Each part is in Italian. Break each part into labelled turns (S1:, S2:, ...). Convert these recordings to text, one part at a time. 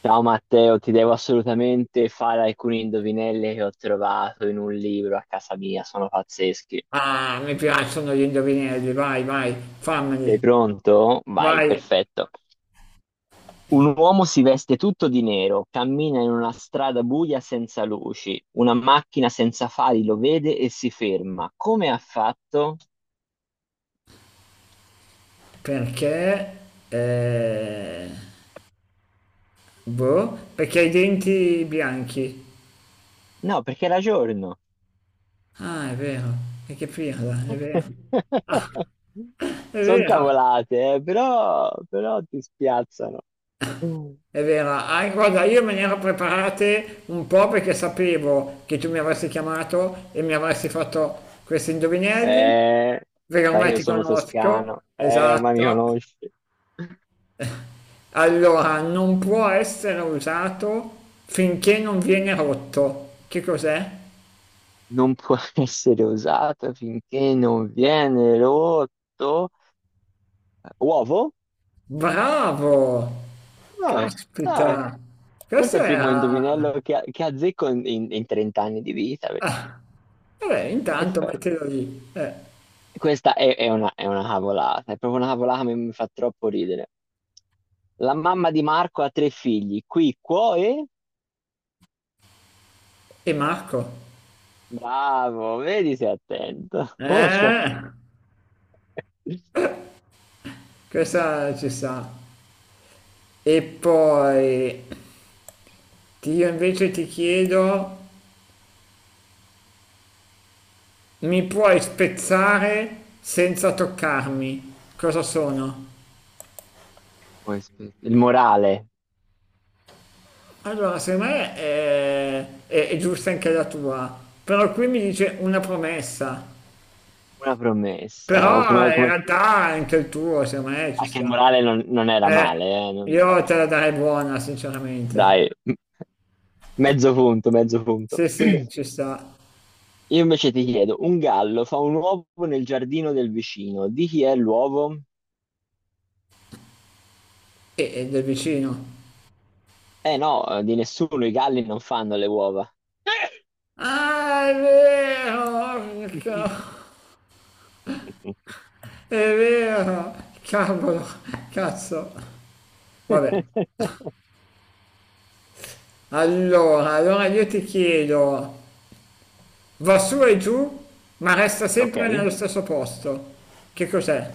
S1: Ciao Matteo, ti devo assolutamente fare alcune indovinelle che ho trovato in un libro a casa mia, sono pazzeschi.
S2: Ah, mi piacciono gli indovinelli, vai, vai,
S1: Sei
S2: fammeli,
S1: pronto? Vai,
S2: vai.
S1: perfetto. Un uomo si veste tutto di nero, cammina in una strada buia senza luci, una macchina senza fari lo vede e si ferma. Come ha fatto?
S2: Perché? Eh, boh, perché hai i denti bianchi.
S1: No, perché era giorno.
S2: Ah, è vero, è che pirla, è vero, è
S1: Sono
S2: vero,
S1: cavolate, però, però ti spiazzano.
S2: è vero. Ah, guarda, io me ne ero preparate un po' perché sapevo che tu mi avresti chiamato e mi avresti fatto questi indovinelli,
S1: Eh,
S2: perché
S1: sai che
S2: ormai
S1: io
S2: ti
S1: sono
S2: conosco,
S1: toscano, ma mi
S2: esatto.
S1: conosci.
S2: Allora, non può essere usato finché non viene rotto. Che cos'è?
S1: Non può essere usato finché non viene rotto. Uovo?
S2: Bravo!
S1: Dai, dai.
S2: Caspita!
S1: Forse
S2: Questo
S1: è il primo
S2: era.
S1: indovinello che azzecco in 30 anni di vita, perché
S2: Vabbè, intanto
S1: perfetto.
S2: mettilo lì. Eh,
S1: Questa è, è una cavolata, è proprio una cavolata che mi fa troppo ridere. La mamma di Marco ha tre figli, qui, qua e...
S2: e Marco?
S1: Bravo, vedi sei attento. Molto attento.
S2: Eh, questa ci sta. E poi io invece ti chiedo, mi puoi spezzare senza toccarmi? Cosa sono?
S1: Poi, aspetta, il morale.
S2: Allora, secondo me è giusta anche la tua, però qui mi dice una promessa,
S1: Una promessa, o
S2: però
S1: come,
S2: in
S1: come...
S2: realtà anche il tuo, secondo me ci
S1: Anche il
S2: sta.
S1: morale non era
S2: Eh,
S1: male, eh? Non era
S2: io te
S1: male.
S2: la darei buona, sinceramente.
S1: Dai, mezzo punto, mezzo punto.
S2: Sì, sì, ci sta.
S1: Io invece ti chiedo, un gallo fa un uovo nel giardino del vicino, di chi è l'uovo?
S2: E del vicino.
S1: Eh no, di nessuno, i galli non fanno le uova.
S2: Ah, è vero, è vero, cavolo, cazzo. Vabbè, allora io ti chiedo. Va su e giù, ma resta
S1: Ok,
S2: sempre nello stesso posto. Che cos'è?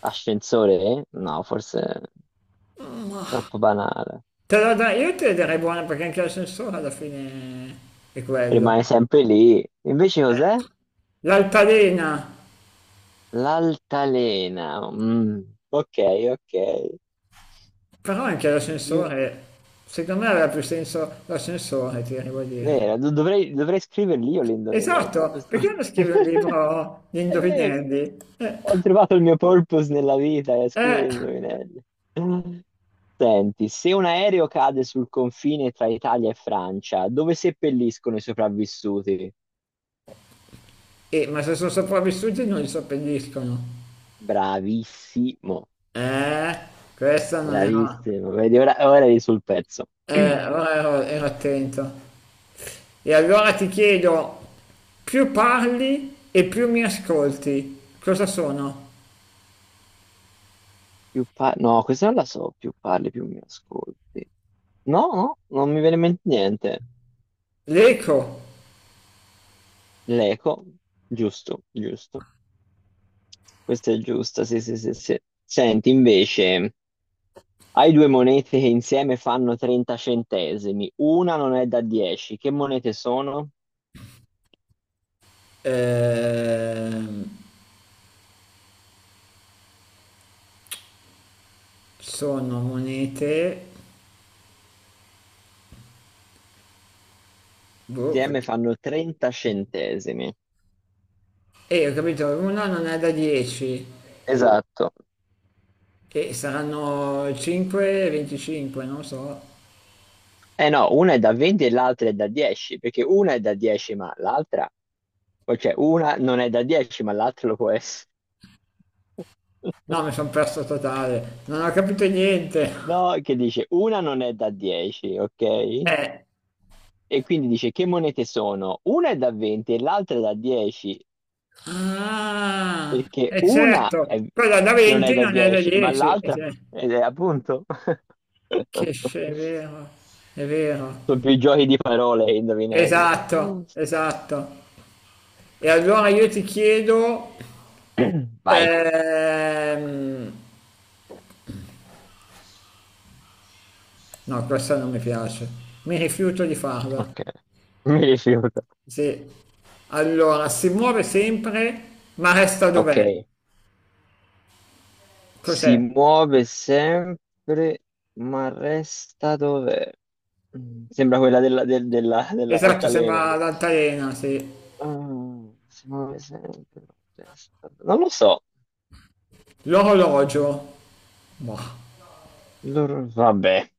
S1: ascensore? No, forse è troppo banale.
S2: Te la dai, io te la darei buona perché anche l'ascensore alla fine è quello.
S1: Rimane sempre lì. Invece
S2: Eh,
S1: cos'è?
S2: l'altalena,
S1: L'altalena. Mm, ok, ok.
S2: però anche
S1: Io,
S2: l'ascensore, secondo me aveva più senso l'ascensore, ti devo dire.
S1: Vero, dovrei scriverli io le indovinelli a
S2: Esatto,
S1: questo
S2: perché non scrivi un
S1: punto.
S2: libro di
S1: È vero,
S2: indovinelli?
S1: ho trovato il mio purpose nella vita, è scrivere
S2: Eh,
S1: indovinelli. Senti, se un aereo cade sul confine tra Italia e Francia, dove seppelliscono i sopravvissuti?
S2: ma se sono sopravvissuti non li seppelliscono.
S1: Bravissimo,
S2: Eh, questa non era.
S1: bravissimo. Vedi, ora eri sul pezzo.
S2: Eh,
S1: Più
S2: ora ero attento. E allora ti chiedo, più parli e più mi ascolti, cosa sono?
S1: no, questa non la so, più parli, più mi ascolti. No, no, non mi viene in mente niente.
S2: L'eco.
S1: L'eco, giusto, giusto. Questo è giusto, sì, sì, sì, sì. Senti, invece, hai due monete che insieme fanno 30 centesimi. Una non è da 10. Che monete sono?
S2: Ehm, sono monete. Boh,
S1: Insieme fanno 30 centesimi.
S2: ho capito, una non è da 10
S1: Esatto.
S2: e saranno 5, 25, non so.
S1: Eh no, una è da 20 e l'altra è da 10, perché una è da 10, ma cioè una non è da 10, ma l'altra lo può essere.
S2: No, mi sono perso totale, non ho capito niente.
S1: No, che dice una non è da 10, ok?
S2: Eh.
S1: E quindi dice che monete sono? Una è da 20 e l'altra è da 10.
S2: Ah,
S1: Perché
S2: è certo, quella da
S1: non è
S2: 20
S1: da
S2: non è da
S1: 10, ma
S2: 10. eh,
S1: l'altra ed è appunto.
S2: Che sce- è vero, è vero.
S1: Sono più giochi di parole che indovinelli.
S2: Esatto, esatto. E allora io ti chiedo,
S1: Vai,
S2: ehm, no, questa non mi piace, mi rifiuto di farla.
S1: ok. Mi rifiuto.
S2: Sì. Allora, si muove sempre, ma resta
S1: Ok,
S2: dov'è?
S1: si
S2: Cos'è?
S1: muove sempre, ma resta dov'è? Mm, sembra quella
S2: Esatto,
S1: dell'altalena
S2: sembra
S1: lì.
S2: l'altalena, sì.
S1: Ah, si muove sempre, ma resta... Non lo so.
S2: L'orologio. Boh,
S1: Vabbè,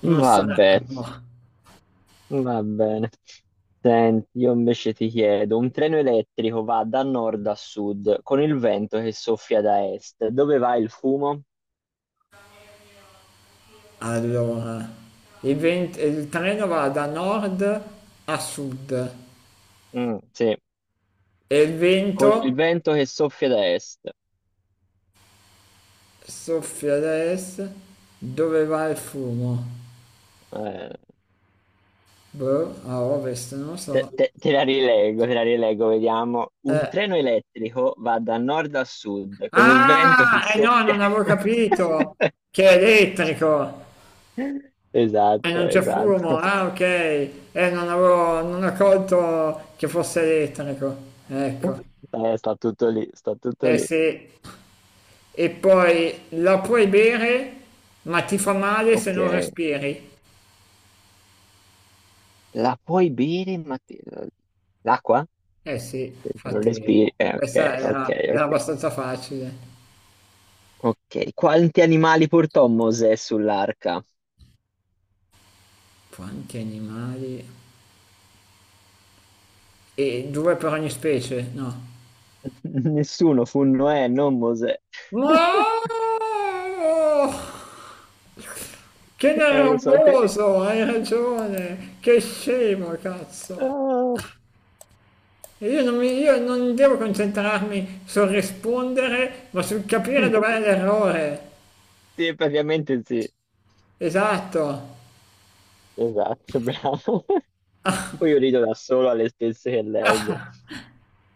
S2: non sarà.
S1: vabbè.
S2: Boh.
S1: Va bene. Senti, io invece ti chiedo, un treno elettrico va da nord a sud con il vento che soffia da est. Dove va il fumo?
S2: Allora, 20 il treno va da nord a sud.
S1: Mm, sì,
S2: E il
S1: con il
S2: vento
S1: vento che soffia da est.
S2: soffia ad est, dove va il fumo?
S1: Eh,
S2: Boh, a ovest, non lo
S1: te,
S2: so.
S1: te- te la rileggo, te la rileggo, vediamo. Un
S2: Eh,
S1: treno elettrico va da nord a sud con il vento che
S2: Ah, eh no,
S1: soffia...
S2: non avevo capito che è elettrico e
S1: Esatto,
S2: non c'è fumo.
S1: esatto.
S2: Ah, ok, non ho colto che fosse elettrico. Ecco,
S1: Sta tutto lì, sta tutto
S2: eh
S1: lì.
S2: sì. E poi la puoi bere, ma ti fa male se
S1: Ok,
S2: non respiri.
S1: la puoi bere, ma l'acqua?
S2: Eh sì,
S1: Se non
S2: infatti,
S1: respiri. Ok,
S2: questa
S1: ok,
S2: era
S1: ok.
S2: abbastanza facile.
S1: Ok, quanti animali portò Mosè sull'arca?
S2: Quanti animali? E due per ogni specie? No.
S1: Nessuno, fu Noè, non Mosè.
S2: No! Che
S1: Lo so che...
S2: nervoso, hai ragione. Che scemo, cazzo.
S1: Ah,
S2: E io non devo concentrarmi sul rispondere, ma sul capire dov'è l'errore.
S1: sì, praticamente sì.
S2: Esatto.
S1: Esatto, bravo. Poi io rido da solo alle stesse che leggo.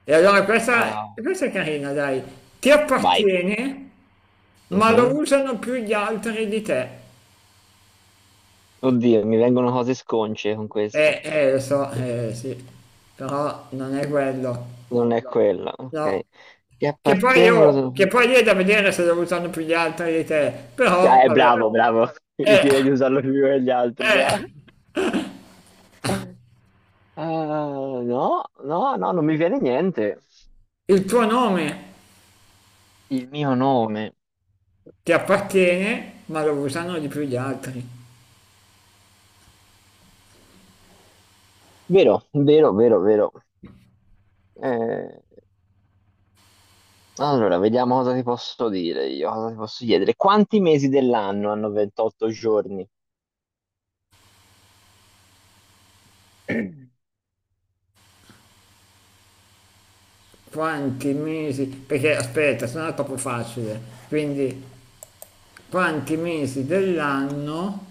S2: E allora questa,
S1: Ah,
S2: questa è carina, dai. Ti
S1: vai.
S2: appartiene, ma lo
S1: Mhm.
S2: usano più gli altri di te.
S1: Oddio, mi vengono cose sconce con questa.
S2: Lo so, sì. Però non è quello.
S1: Non è quella, ok.
S2: No,
S1: Ti
S2: che poi io,
S1: appartengono...
S2: che poi lì è da vedere se lo usano più gli altri di te, però
S1: Cioè, eh,
S2: vabbè,
S1: bravo, però, bravo. Io
S2: eh,
S1: direi di usarlo più degli altri,
S2: eh,
S1: bravo. Ah, no, no, no, non mi viene niente.
S2: il tuo nome
S1: Il mio nome.
S2: ti appartiene, ma lo usano di più gli altri.
S1: Vero, vero, vero, vero. Eh, allora, vediamo cosa ti posso dire io, cosa ti posso chiedere. Quanti mesi dell'anno hanno 28 giorni?
S2: Quanti mesi, perché aspetta, se no è troppo facile, quindi quanti mesi dell'anno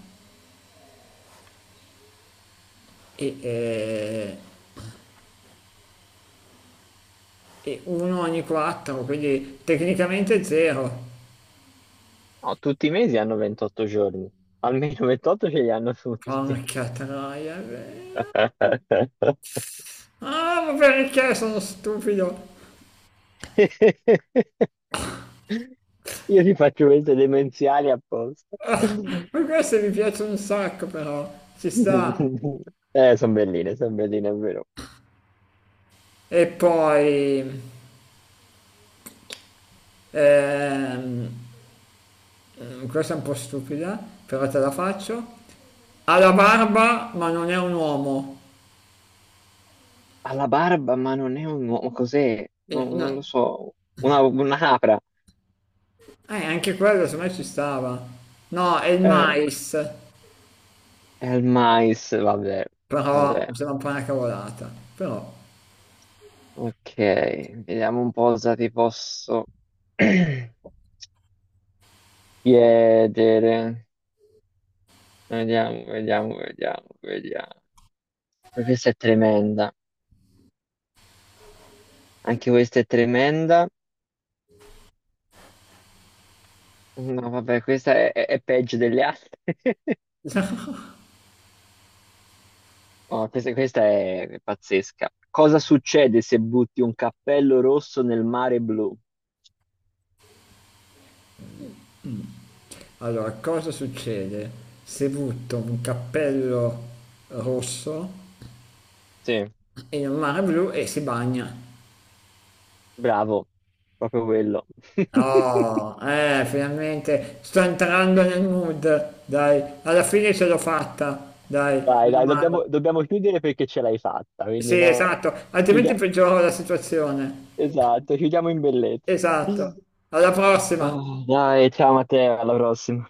S2: e, eh, e uno ogni quattro, quindi tecnicamente zero.
S1: No, tutti i mesi hanno 28 giorni. Almeno 28 ce li hanno tutti.
S2: Porca troia, è vero. Ah, ma perché sono stupido?
S1: Io ti faccio queste demenziali apposta.
S2: Poi queste mi piacciono un sacco però, ci sta.
S1: Sono belline, è vero.
S2: E poi, ehm, questa è un po' stupida, però te la faccio. Ha la barba ma non è un uomo.
S1: Ha la barba, ma non è un uomo, cos'è? No,
S2: No.
S1: non lo so. Una capra.
S2: Anche quello secondo me ci stava. No, è il
S1: Eh,
S2: mais,
S1: è il mais, vabbè,
S2: però
S1: vabbè.
S2: mi sembra un po' una cavolata. Però,
S1: Ok, vediamo un po' cosa ti posso chiedere. Vediamo, vediamo, vediamo, vediamo. Questa è tremenda. Anche questa è tremenda. No, vabbè, questa è peggio delle altre. Oh, questa è pazzesca. Cosa succede se butti un cappello rosso nel mare blu?
S2: allora, cosa succede se butto un cappello rosso
S1: Sì,
S2: in un mare blu e si bagna?
S1: bravo, proprio quello.
S2: Oh, finalmente sto entrando nel mood, dai, alla fine ce l'ho fatta, dai,
S1: Dai,
S2: meno
S1: dai,
S2: male.
S1: dobbiamo chiudere perché ce l'hai fatta, quindi
S2: Sì,
S1: no.
S2: esatto, altrimenti
S1: Chiudia-
S2: peggioravo la situazione.
S1: Esatto, chiudiamo in bellezza.
S2: Esatto, alla prossima.
S1: Ah, dai, ciao Matteo, alla prossima.